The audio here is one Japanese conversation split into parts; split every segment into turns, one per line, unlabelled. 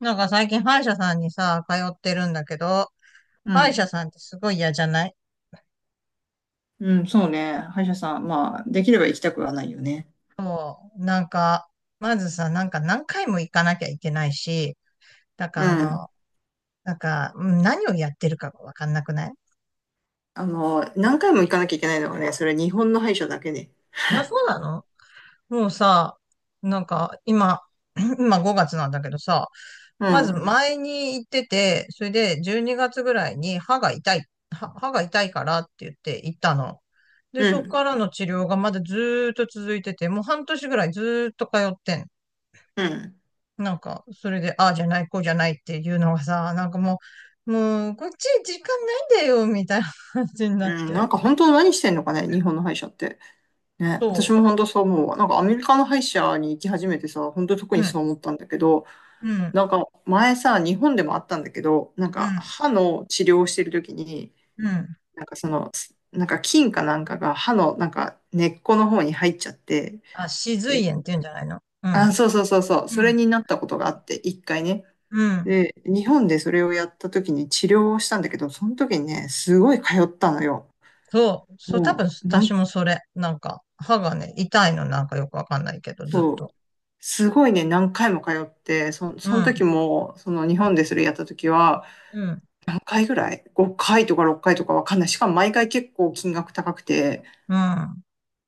なんか最近歯医者さんにさ、通ってるんだけど、
う
歯医者
ん。
さんってすごい嫌じゃない？
うん、そうね。歯医者さん。まあ、できれば行きたくはないよね。
もう、なんか、まずさ、なんか何回も行かなきゃいけないし、なんか
う
あ
ん。
の、なんか、うん、何をやってるかがわかんなくない？
あの、何回も行かなきゃいけないのがね、それ日本の歯医者だけで。
あ、そうなの？もうさ、なんか今、今5月なんだけどさ、
う
まず
ん、
前に行ってて、それで12月ぐらいに歯が痛い、歯が痛いからって言って行ったの。で、
う
そこ
ん、
からの治療がまだずーっと続いてて、もう半年ぐらいずーっと通ってん。
うん、
なんか、それで、ああじゃない、こうじゃないっていうのがさ、なんかもう、こっち時間ないんだよ、みたいな 感じになっ
うん。
て。
なんか本当何してんのかね、日本の歯医者って。ね、
そ
私も本当そう思うわ。なんかアメリカの歯医者に行き始めてさ、本当特
う。う
に
ん、
そう思ったんだけど、
うん、
なんか前さ、日本でもあったんだけど、なん
う
か
ん、
歯の治療をしてる時に、
うん。
なんかその、なんか菌かなんかが歯のなんか根っこの方に入っちゃって、
あ、歯髄炎って言うんじゃないの？う
あ、
ん。
そうそうそうそう。
う
それ
ん。
になったことがあって、一回ね。
うん。
で、日本でそれをやった時に治療をしたんだけど、その時にね、すごい通ったのよ。
そう。そう、多分
もう、な
私
ん、
もそれ。なんか、歯がね、痛いのなんかよくわかんないけど、ずっ
そう、
と。
すごいね、何回も通って、
う
その
ん。
時も、その日本でそれやった時は、
うん。
何回ぐらい？ 5 回とか6回とかわかんない。しかも毎回結構金額高くて、
うん。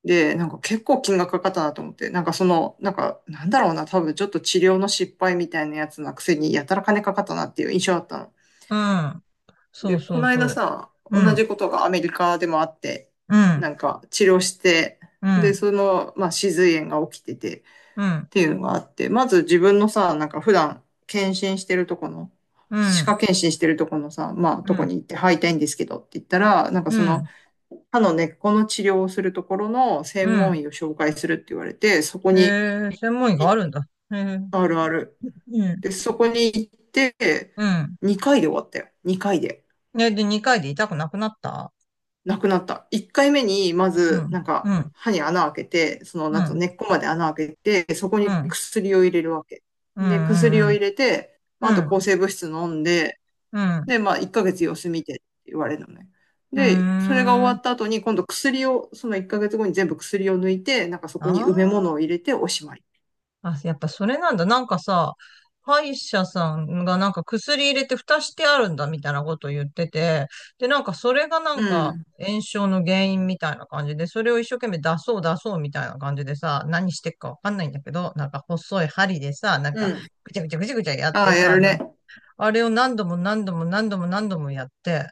で、なんか結構金額かかったなと思って、なんかその、なんか、なんだろうな、多分ちょっと治療の失敗みたいなやつなくせに、やたら金かかったなっていう印象だったの。
うん。そ
で、
う
こ
そう
の
そ
間
う。
さ、
う
同
ん。
じことがアメリカでもあって、
うん。
なんか治療して、
う
で、
ん。
その、まあ、歯髄炎が起きててっ
うん。
ていうのがあって、まず自分のさ、なんか普段検診してるとこの、
う
歯
ん。
科検診してるとこのさ、まあ、
う
とこに
ん。
行って入りたいんですけどって言ったら、なんか
う
その、
ん。
歯の根っこの治療をするところの
う
専門
ん。
医を紹介するって言われて、そこ
へ
に、
え、専門医
い
があるんだ。へえ。
あるある。
うん。
で、そこに行って、
うん。
2回で終わったよ。2回で。
ね、で、2回で痛くなくなった？
なくなった。1回目に、ま
う
ず、
ん。
なんか、
うん。
歯に穴開けて、その、
う
なんと
ん。
根っこまで穴開けて、そこ
う
に
ん。
薬を入れるわけ。
う
で、薬
ん。
を
うん。
入れて、まあ、あ
う
と抗
ん。
生物質飲んで、
うん。
で、まあ、1ヶ月様子見てって言われるのね。
う
で、それが終
ん。うーん。
わった後に、今度薬を、その1ヶ月後に全部薬を抜いて、なんかそ
あ
こに埋め物を
あ。
入れておしまい。
あ、やっぱそれなんだ。なんかさ、歯医者さんがなんか薬入れて蓋してあるんだみたいなこと言ってて、で、なんかそれがなん
う
か
ん。
炎症の原因みたいな感じで、それを一生懸命出そう出そうみたいな感じでさ、何してっかわかんないんだけど、なんか細い針でさ、なん
う
か
ん。
ぐちゃぐちゃぐちゃぐちゃやっ
あ
て
あ、や
さ、
る
な
ね。
あれを何度も何度も何度も何度もやって、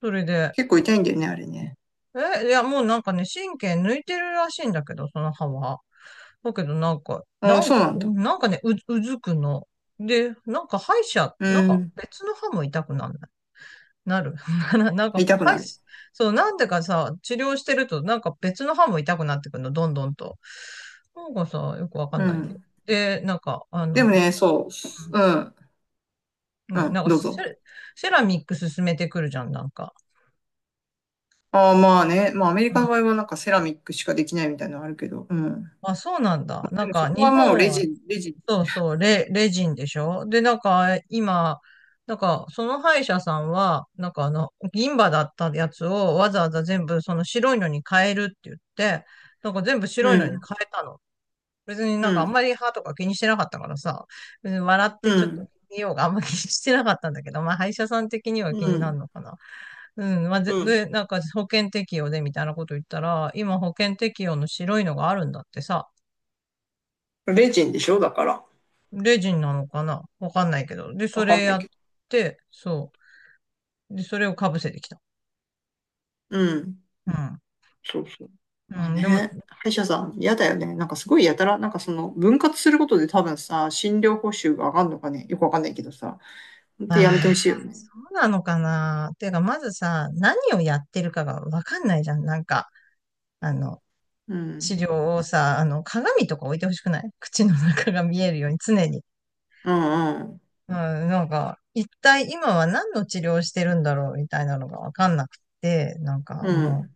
それで、
結構痛いんだよね、あれね。
え、いやもうなんかね、神経抜いてるらしいんだけど、その歯は。だけどなんか、
ああ、
なん
そう
か、
なんだ。
なんかね、うずくの。で、なんか歯医者、
う
なんか
ん。
別の歯も痛くなんない？なる。なんか
痛く
歯医
な
者、
る。
そう、なんでかさ、治療してるとなんか別の歯も痛くなってくるの、どんどんと。なんかさ、よくわか
う
んないんで。
ん。
で、なんか、あ
で
の、
も
うん、
ね、そう。うん。う
ね、な
ん
んか
どう
セ
ぞ。
ラ、セラミック進めてくるじゃん、なんか。
ああ、まあね。まあ、アメリ
う
カの場合
ん。
はなんかセラミックしかできないみたいなのあるけど。うん。
あ、そうなんだ。な
で
ん
もそ
か、
こ
日
はもう
本
レ
は
ジン、レジン。
そうそう、レジンでしょ？で、なんか、今、なんか、その歯医者さんは、なんかあの、銀歯だったやつをわざわざ全部その白いのに変えるって言って、なんか全部白
う
いのに変
ん、
えたの。別にな
う
んかあん
ん、
まり歯とか気にしてなかったからさ、別に笑っ
う
てちょっと
ん、
見ようがあんま気にしてなかったんだけど、まあ歯医者さん的には気
う
にな
ん、
るのかな。うん、まあ、ぜ
うん。
で、なんか保険適用でみたいなこと言ったら、今保険適用の白いのがあるんだってさ、
レジンでしょだから。
レジンなのかなわかんないけど。で、そ
わか
れ
んな
や
い
っ
けど。
て、そう。で、それをかぶせてきた。
うん。
うん。
そうそう。
う
まあ
ん、でも、
ね。歯医者さん、嫌だよね。なんかすごいやたら、なんかその分割することで多分さ、診療報酬が上がるのかね。よくわかんないけどさ。ほんやめて
あー、
ほしいよね。
そうなのかな？ていうか、まずさ、何をやってるかがわかんないじゃん。なんか、あの、
う
治
ん。
療をさ、あの、鏡とか置いてほしくない？口の中が見えるように常に。
うん、うん、
うん、なんか、一体今は何の治療してるんだろうみたいなのがわかんなくて、なんか
う
も
ん。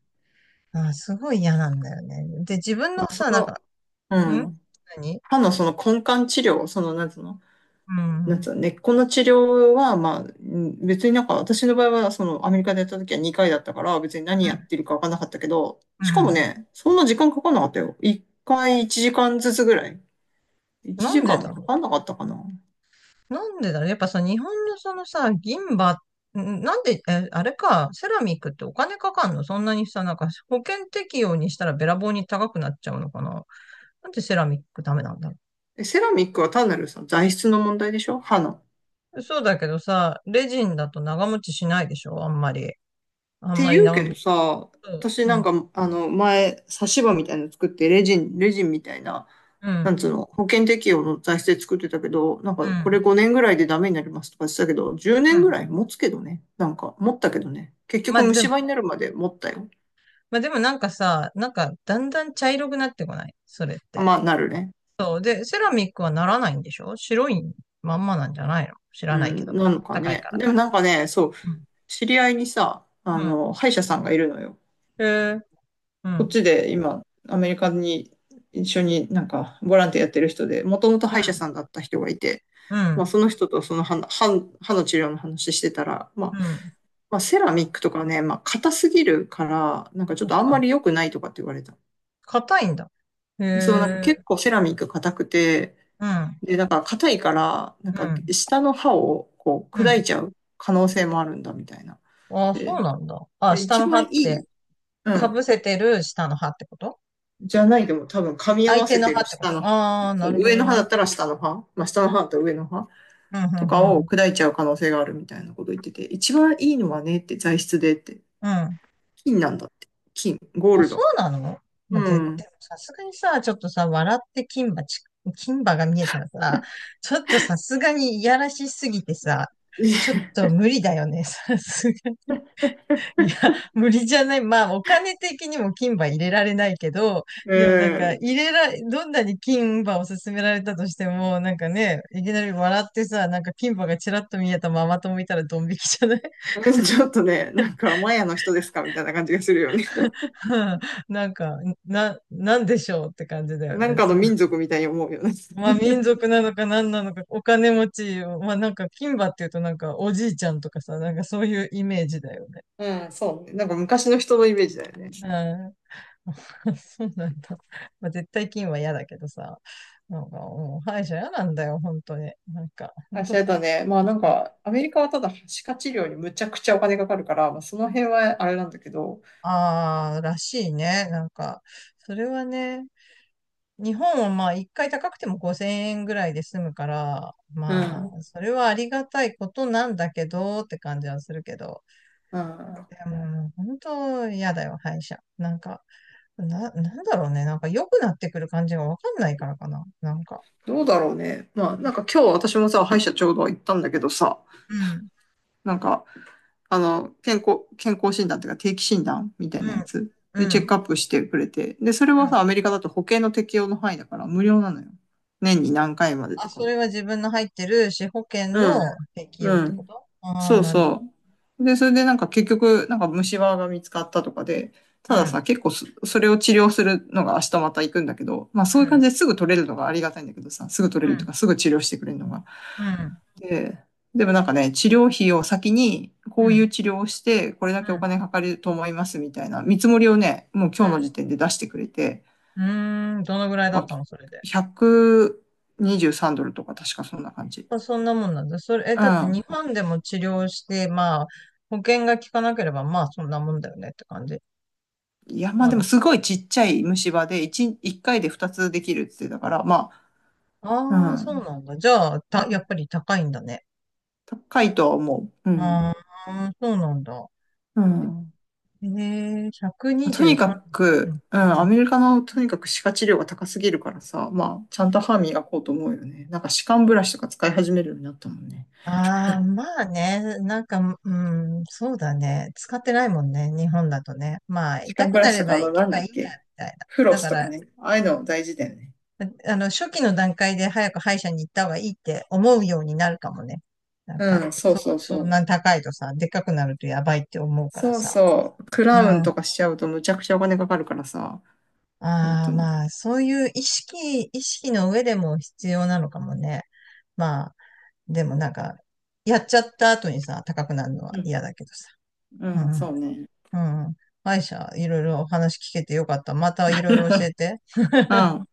う、あー、すごい嫌なんだよね。で、自分
ま
の
あ、そ
さ、なん
の、
か、
う
ん、
ん。
何？
歯のその根幹治療、その、なんつうの、
う
なん
ん。
つうの、根っこの治療は、まあ、ん別になんか私の場合は、その、アメリカでやった時は2回だったから、別に何
う
やってるかわかんなかったけど、し
ん。
か
う
も
ん、
ね、そんな時間かかんなかったよ。1回1時間ずつぐらい。1
なんで
時間も
だ
か
ろ
かんなかったかな。
う。やっぱさ、日本のそのさ、銀歯、ん、なんで、え、あれか、セラミックってお金かかんの？そんなにさ、なんか保険適用にしたらべらぼうに高くなっちゃうのかな？なんでセラミックダメなんだろ
えセラミックは単なるさ、材質の問題でしょ歯の。っ
う。そうだけどさ、レジンだと長持ちしないでしょ、あんまり。あん
て
まり
言う
長
け
持
ど
ち。
さ、
そう、
私
う
なん
ん。
か、あの、前、差し歯みたいなの作って、レジン、レジンみたいな、
う
なん
ん。
つうの、保険適用の財政作ってたけど、なん
う
かこれ
ん。
5年ぐらいでダメになりますとか言ってたけど、10
う
年ぐ
ん。
らい持つけどね。なんか持ったけどね。結
ま
局
あで
虫
も、
歯になるまで持ったよ。
まあでもなんかさ、なんかだんだん茶色くなってこない？それっ
あ、
て。
まあなるね。
そう。で、セラミックはならないんでしょ？白いまんまなんじゃないの？知ら
う
ないけど。
ん、なのか
高い
ね。
から。
でもなんかね、そう、
うん。
知り合いにさ、あ
う
の、歯医者さんがいるのよ。
ん。へえ。う
こっ
ん。
ちで今、アメリカに一緒になんかボランティアやってる人で、もともと
う
歯医者
ん。
さんだった人がいて、
う
まあ
ん。
その人とその歯の歯の治療の話してたら、
うん。
まあ、セラミックとかね、まあ、硬すぎるから、なんかちょ
あ、
っと
そ
あ
う
ん
な
ま
の？
り良くないとかって言われた。
硬いんだ。へ
そう、なんか結
え。
構セラミック硬くて、
うん。
で、なんか硬いから、なん
う
か
ん。
下の歯をこう
う
砕い
ん。
ちゃう可能性もあるんだみたいな。
ああ、そ
で、
うなんだ。あ、
で
下
一
の歯
番い
って、
い、う
かぶ
ん、
せてる下の歯ってこと？
じゃないでも多分噛み合
相
わ
手
せ
の
て
歯
る
ってこ
下
と？
の歯。
ああー、
そ
な
う、
るほ
上
ど
の歯だ
ね。
ったら下の歯、まあ、下の歯と上の歯
うん、う
とか
ん、う
を
ん、
砕いちゃう可能性があるみたいなこと言ってて、一番いいのはねって材質でって、
うん。うん、
金なんだって。金、ゴー
あ、
ル
そ
ド。
うなの？まあ、
う
絶
ん。
対、さすがにさ、ちょっとさ、笑って金馬が見えたらさ、ちょっとさすがにいやらしすぎてさ、ちょ っと無理だよね、さすがに。いや、無理じゃない？まあ、お金的にも金馬入れられないけど、
う
でもなんか、
ん。
入れら、どんなに金馬を勧められたとしても、なんかね、いきなり笑ってさ、なんか金馬がちらっと見えたままともいたらドン引きじゃない？
ちょっとね、なんかマヤの人ですかみたいな感じがするよね。
なんか、なんでしょうって感じだよ
なん
ね。
かの民族みたいに思うよね。
まあ民族なのか何なのか、お金持ち、まあなんか金馬っていうとなんかおじいちゃんとかさ、なんかそういうイメージだよね。
うん、そうね。なんか昔の人のイメージだよね。
うん。そうなんだ。まあ絶対金は嫌だけどさ、なんかもう歯医者嫌なんだよ、本当に。なんか、
あ、
本
し
当、
あとね、まあなんか、アメリカはただ、歯科治療にむちゃくちゃお金かかるから、まあその辺はあれなんだけど、
ああ、らしいね。なんか、それはね、日本はまあ一回高くても5000円ぐらいで済むから、
う
ま
ん、
あ、それはありがたいことなんだけどって感じはするけど、
うん。
でも、本当嫌だよ、歯医者。なんか、なんだろうね。なんか良くなってくる感じがわかんないからかな。なんか。
どうだろうね。まあなんか今日私もさ、歯医者ちょうど行ったんだけどさ、
うん、
なんか、あの、健康、健康診断というか定期診断みたい
う
なや
ん、
つ
う
でチェ
ん、
ッ
う
ク
ん。
アップしてくれて。で、それはさ、アメリカだと保険の適用の範囲だから無料なのよ。年に何回まで
あ、
とか
そ
は。
れは自分の入ってる歯保険の
うん。
適用
う
ってこ
ん。
と？ああー、
そう
なるほど。
そう。で、それでなんか結局、なんか虫歯が見つかったとかで、
う
ただ
ん、
さ、結構そ、それを治療するのが明日また行くんだけど、まあ
う
そういう感
ん、
じですぐ取れるのがありがたいんだけどさ、すぐ取
う
れると
ん、
かすぐ治療してくれるのが。
うん、
で、でもなんかね、治療費を先に、
う
こうい
ん、
う治療をして、これだ
う
けお
ん、
金かかると思いますみたいな見積もりをね、もう今日の時
う
点で出してくれて、
ん。うーん、どのぐらいだ
ま
っ
あ、
たの、それで。
123ドルとか確かそんな感じ。
まあそんなもんなんだ。それ、え、
う
だって
ん。
日本でも治療して、まあ、保険が効かなければ、まあ、そんなもんだよねって感じ。
いや、まあ
な
でも
の？
すごいちっちゃい虫歯で1回で2つできるって言ってたから、まあ、
ああ、
う
そう
ん。
なんだ。じゃあ、やっぱり高いんだね。
高いとは思う。うん。
ああ、そうなんだ。
うん。
ええ、
とにか
123。う
く、
ん、
うん、
う
ア
ん。
メリカのとにかく歯科治療が高すぎるからさ、まあ、ちゃんと歯磨こうと思うよね。なんか歯間ブラシとか使い始めるようになったもんね。
ああ、まあね、なんか、うん、そうだね。使ってないもんね、日本だとね。まあ、
歯
痛
間
く
ブラ
な
シ
れ
と
ば
か、あ
行
の、
け
なん
ば
だっ
いいや、み
け。
たい
フロ
な。だ
ス
か
とか
ら、
ね。ああいうの大事だよね。
あの、初期の段階で早く歯医者に行った方がいいって思うようになるかもね。なんか、
うん、そう
そ
そ
う、
う
そ
そ
んな
う。
高いとさ、でっかくなるとやばいって思うから
そう
さ。
そう。ク
う
ラウン
ん。
とかしちゃうとむちゃくちゃお金かかるからさ、本
あ
当
あ、
に。
まあ、そういう意識の上でも必要なのかもね。まあ、でもなんか、やっちゃった後にさ、高くなるのは
うん、
嫌だけどさ。
う
う
ん、そうね。
ん。うん。歯医者、いろいろお話聞けてよかった。またいろい ろ教えて。
うん。